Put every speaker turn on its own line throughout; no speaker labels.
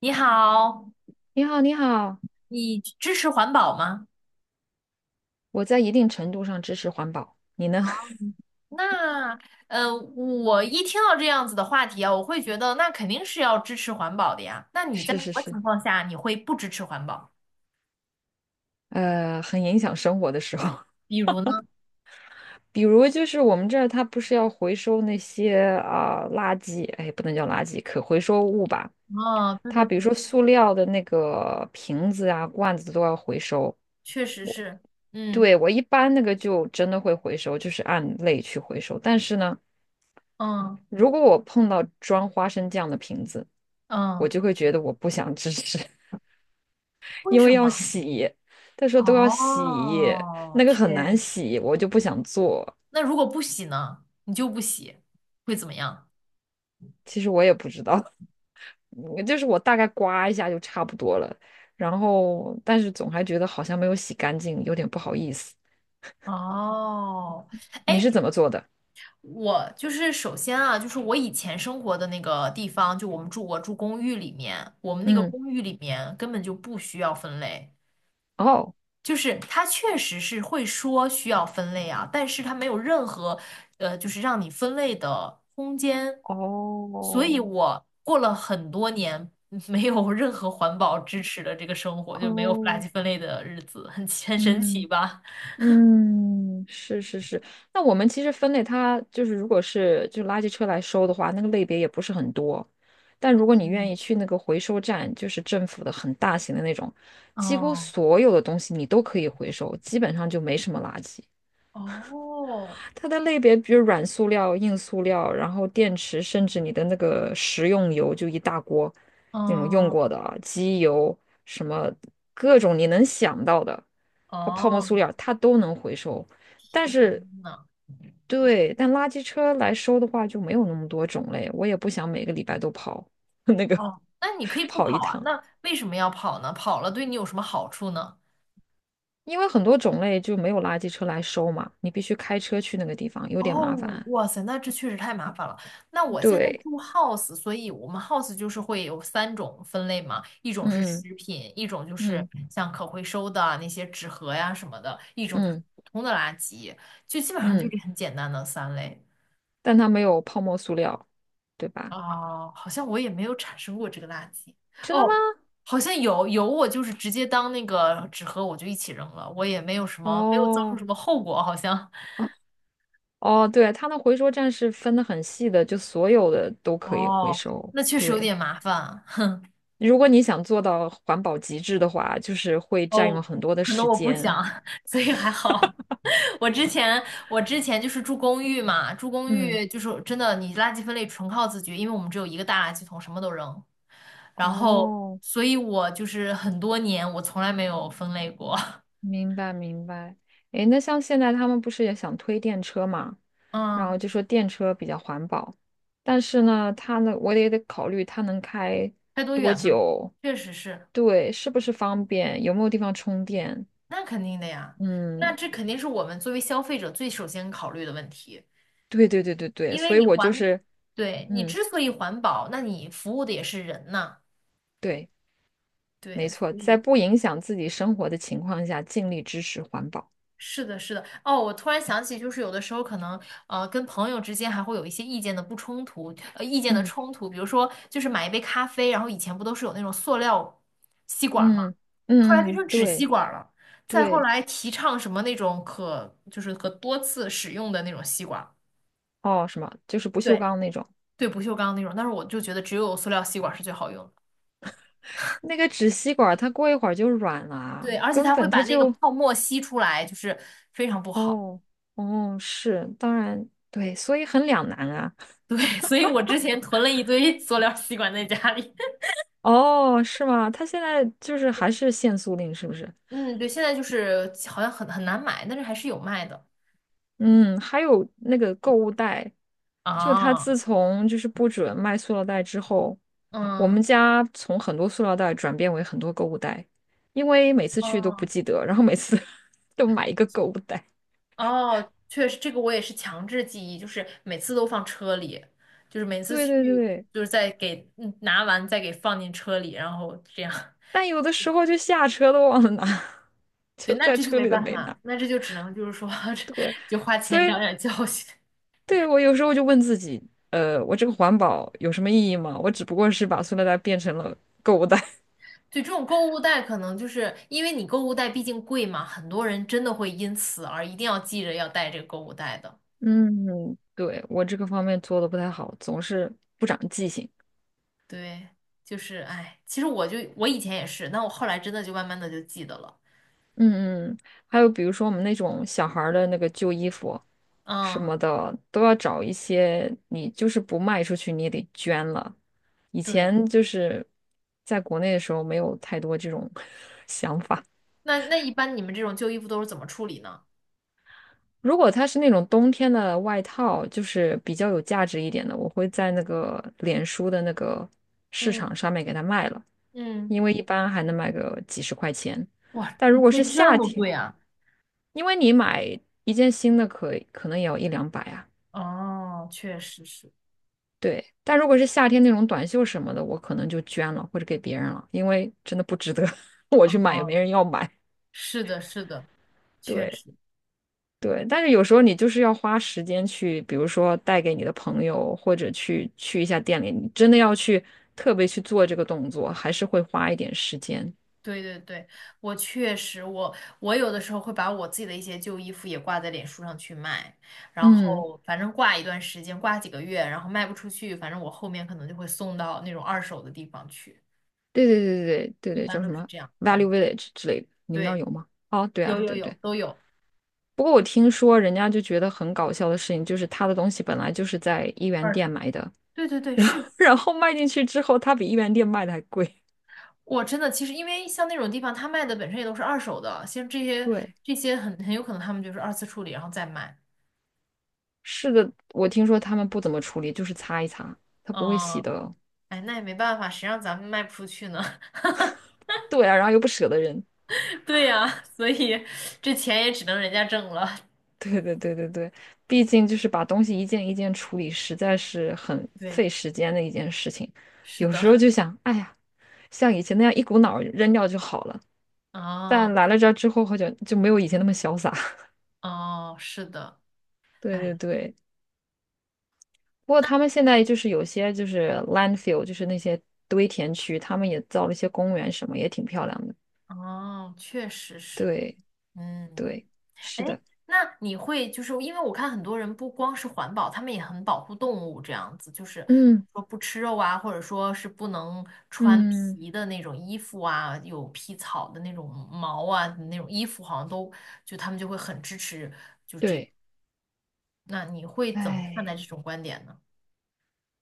你好，
你好，你好，
你支持环保吗？
我在一定程度上支持环保，你呢？
嗯那我一听到这样子的话题啊，我会觉得那肯定是要支持环保的呀。那你在
是
什
是
么
是，
情况下你会不支持环保？
很影响生活的时候，
比如呢？
比如就是我们这儿它不是要回收那些啊、垃圾，哎，不能叫垃圾，可回收物吧？
哦，对
它
对
比如
对，
说塑料的那个瓶子啊、罐子都要回收。
确实是，嗯
对，我一般那个就真的会回收，就是按类去回收。但是呢，
嗯
如果我碰到装花生酱的瓶子，我
嗯，
就会觉得我不想支持。
为
因
什
为要
么？
洗，他说都要洗，
哦，
那个很
确
难
实。
洗，我就不想做。
那如果不洗呢？你就不洗，会怎么样？
其实我也不知道，就是我大概刮一下就差不多了，然后但是总还觉得好像没有洗干净，有点不好意思。
哦，
你
哎，
是怎么做的？
我就是首先啊，就是我以前生活的那个地方，就我住公寓里面，我们那个
嗯，
公寓里面根本就不需要分类，
哦，
就是它确实是会说需要分类啊，但是它没有任何就是让你分类的空间，所
哦，
以我过了很多年没有任何环保支持的这个生活，就没有垃
哦，
圾分类的日子，很神奇
嗯。
吧？
嗯，是是是。那我们其实分类它就是，如果是就垃圾车来收的话，那个类别也不是很多。但如果你愿
嗯，
意去那个回收站，就是政府的很大型的那种，几乎
哦，
所有的东西你都可以回收，基本上就没什么垃圾。
哦，
它的类别比如软塑料、硬塑料，然后电池，甚至你的那个食用油，就一大锅那种用过
嗯，
的啊，机油什么各种你能想到的，包泡沫塑
哦。
料它都能回收。但
天
是，
呐，
对，但垃圾车来收的话就没有那么多种类，我也不想每个礼拜都跑 那个
哦，那你可以不
跑一
跑啊，
趟，
那为什么要跑呢？跑了对你有什么好处呢？
因为很多种类就没有垃圾车来收嘛，你必须开车去那个地方，有点
哦，
麻烦。
哇塞，那这确实太麻烦了。那我现在
对，
住 house，所以我们 house 就是会有三种分类嘛，一种是
嗯
食品，一种就是
嗯。
像可回收的啊那些纸盒呀什么的，一种就是
嗯
普通的垃圾，就基本上就
嗯，
是很简单的三类。
但它没有泡沫塑料，对吧？
哦，好像我也没有产生过这个垃圾。
真的吗？
哦，好像有有，我就是直接当那个纸盒，我就一起扔了，我也没有什么，没有遭受什
哦
么后果，好像。
哦哦，对，它的回收站是分得很细的，就所有的都可以回
哦，
收。
那确实有
对，
点麻烦啊。
如果你想做到环保极致的话，就是会占
哦，
用很多的
可能
时
我不
间。
想，所以还好。我之前我之前就是住公寓嘛，住公
嗯，
寓就是真的，你垃圾分类纯靠自觉，因为我们只有一个大垃圾桶，什么都扔。然后，
哦，
所以我就是很多年我从来没有分类过。
明白明白。诶，那像现在他们不是也想推电车嘛，然
嗯。
后就说电车比较环保，但是呢，它呢，我也得考虑它能开
开多
多
远嘛，
久，
确实是，
对，是不是方便，有没有地方充电？
那肯定的呀，那
嗯，
这肯定是我们作为消费者最首先考虑的问题，
对对对对对，
因为
所以
你
我就
环，
是，
对，你
嗯，
之所以环保，那你服务的也是人呐，
对，没
对，
错，
所
在
以
不影响自己生活的情况下，尽力支持环保。
是的，是的，哦，我突然想起，就是有的时候可能跟朋友之间还会有一些意见的不冲突，意见的
嗯
冲突，比如说就是买一杯咖啡，然后以前不都是有那种塑料吸管儿吗？
嗯
后来
嗯
变
嗯，
成纸吸
对
管了，再后
对，
来提倡什么那种可就是可多次使用的那种吸管
哦，什么，就是不锈
对
钢那种。
对，不锈钢那种。但是我就觉得只有塑料吸管是最好用的，
那个纸吸管，它过一会儿就软了啊，
对，而且
根
它会
本它
把那个
就
泡沫吸出来，就是非常不好。
哦哦是，当然对，所以很两难啊。
对，所以我之前囤了一堆塑料吸管在家里。
哦，是吗？它现在就是还是限塑令，是不是？
嗯，对，现在就是好像很难买，但是还是有卖的
嗯，还有那个购物袋，就它自
啊。
从就是不准卖塑料袋之后，我
嗯，
们家从很多塑料袋转变为很多购物袋，因为每次去都不
哦
记得，然后每次 都买一个购物袋。
哦，确实，这个我也是强制记忆，就是每次都放车里，就是每次
对
去，
对对。
就是再给嗯拿完再给放进车里，然后这样。
但有的时候就下车都忘了拿，
对，
就
那
在
这就
车
没
里都
办
没
法，
拿。
那这就只能就是说，
过。
就花
所
钱
以，
长点教训。
对，我有时候就问自己，我这个环保有什么意义吗？我只不过是把塑料袋变成了购物袋。
对，这种购物袋可能就是因为你购物袋毕竟贵嘛，很多人真的会因此而一定要记着要带这个购物袋的。
嗯，对，我这个方面做的不太好，总是不长记性。
对，就是哎，其实我就我以前也是，那我后来真的就慢慢的就记得了。
嗯嗯，还有比如说我们那种小孩儿的那个旧衣服什
嗯，
么的，都要找一些你就是不卖出去，你也得捐了。以
对。
前就是在国内的时候，没有太多这种 想法。
那那一般你们这种旧衣服都是怎么处理呢？
如果它是那种冬天的外套，就是比较有价值一点的，我会在那个脸书的那个市
嗯
场上面给它卖了，
嗯，
因为一般还能卖个几十块钱。
哇，
但
你
如果
会
是
这
夏
么
天，
贵啊？
因为你买一件新的可可能也要一两百啊，
哦，确实是，
对。但如果是夏天那种短袖什么的，我可能就捐了或者给别人了，因为真的不值得 我
哦，
去买，也没人要买。
是的，是的，确
对
实，
对，但是有时候你就是要花时间去，比如说带给你的朋友，或者去去一下店里，你真的要去特别去做这个动作，还是会花一点时间。
对对对，我确实，我有的时候会把我自己的一些旧衣服也挂在脸书上去卖，然
嗯，
后反正挂一段时间，挂几个月，然后卖不出去，反正我后面可能就会送到那种二手的地方去，
对对对对对
一
对，
般
叫什
都是
么
这样
Value
干。
Village 之类的，你们那儿
对，
有吗？哦，对
有
啊，
有
对
有，
对。
都有
不过我听说人家就觉得很搞笑的事情，就是他的东西本来就是在一元
二手，
店买的，
对对对，是
然后卖进去之后，他比一元店卖的还贵。
我真的其实，因为像那种地方，他卖的本身也都是二手的，像这些
对，
这些很有可能他们就是二次处理，然后再卖。
是的，我听说他们不怎么处理，就是擦一擦，他不会洗
嗯，
的。
哎，那也没办法，谁让咱们卖不出去呢？
对啊，然后又不舍得扔。
对呀，所以这钱也只能人家挣了。
对对对对对，毕竟就是把东西一件一件处理，实在是很
对，
费时间的一件事情。
是
有时候
的，
就想，哎呀，像以前那样一股脑儿扔掉就好了。
哦
但来了这儿之后，好像就没有以前那么潇洒。
哦，是的，
对对
哎，
对，不过
那
他们现在
嗯
就是有些就是 landfill，就是那些堆填区，他们也造了一些公园什么，也挺漂亮的。
哦，确实是，
对
嗯。
对，
哎，
是的，
那你会就是因为我看很多人不光是环保，他们也很保护动物，这样子就是
嗯
说不吃肉啊，或者说是不能穿
嗯，
皮的那种衣服啊，有皮草的那种毛啊，那种衣服好像都就他们就会很支持。
对，
那你会怎么看待
哎，
这种观点呢？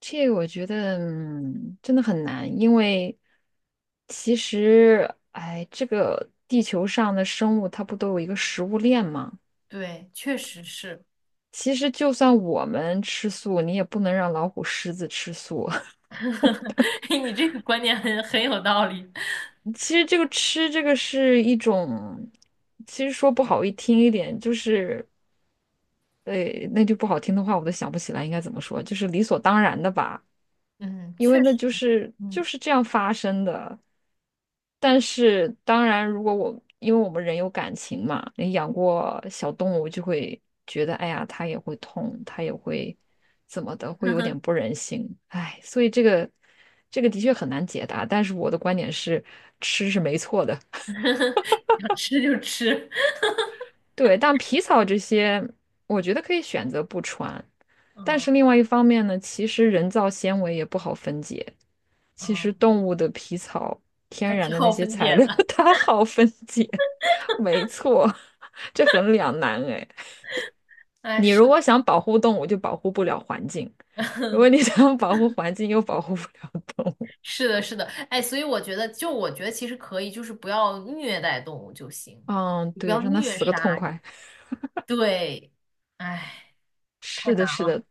这个我觉得嗯真的很难，因为其实哎，这个地球上的生物它不都有一个食物链吗？
对，确实是，
其实就算我们吃素，你也不能让老虎、狮子吃素。
你这个观点很有道理。
其实这个吃这个是一种，其实说不好一听一点，就是，呃，那句不好听的话，我都想不起来应该怎么说，就是理所当然的吧，
嗯，
因为
确
那
实，
就是
嗯，
就是这样发生的。但是当然，如果我因为我们人有感情嘛，你养过小动物就会觉得，哎呀，它也会痛，它也会怎么的，会有点不忍心，哎，所以这个的确很难解答。但是我的观点是，吃是没错的。
想吃就吃，
对，但皮草这些，我觉得可以选择不穿。但
嗯
是另外一方面呢，其实人造纤维也不好分解。其实
嗯，
动物的皮草，
还
天然
挺
的那
好
些
分
材
解
料，
的。
它好分解。没错，这很两难哎。
哎，
你
是
如果
的。
想保护动物，就保护不了环境；如果你 想保护环境，又保护不了动物。
是的，是的，哎，所以我觉得，就我觉得其实可以，就是不要虐待动物就行，
嗯，
你不
对，
要
让它
虐
死个痛
杀这
快。
种。对，哎，太
是
难
的，是
了，
的，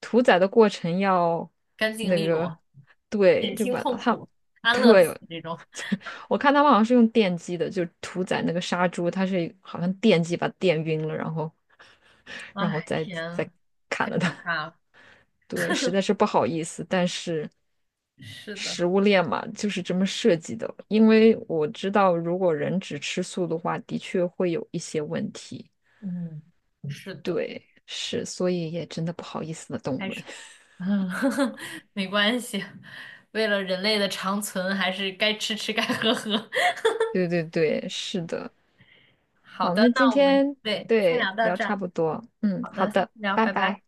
屠宰的过程要
干净
那
利
个，
落，
对，
减
就
轻
把
痛
它，
苦，安乐
对，
死这种。
我看他们好像是用电击的，就屠宰那个杀猪，它是好像电击把它电晕了，然后，然后
哎，
再
天
再
啊，
砍
太
了
可
它。
怕了。
对，实在是不好意思，但是
是的，
食物链嘛，就是这么设计的。因为我知道，如果人只吃素的话，的确会有一些问题。
嗯，是的，
对，是，所以也真的不好意思的动物
还
们。
是嗯，没关系，为了人类的长存，还是该吃吃，该喝喝。
对对对，是的。
好
好，
的，
那今
那我们
天
对，先聊
对
到
聊
这
差
儿。
不多，嗯，
好
好
的，下次
的，
聊，
拜
拜拜。
拜。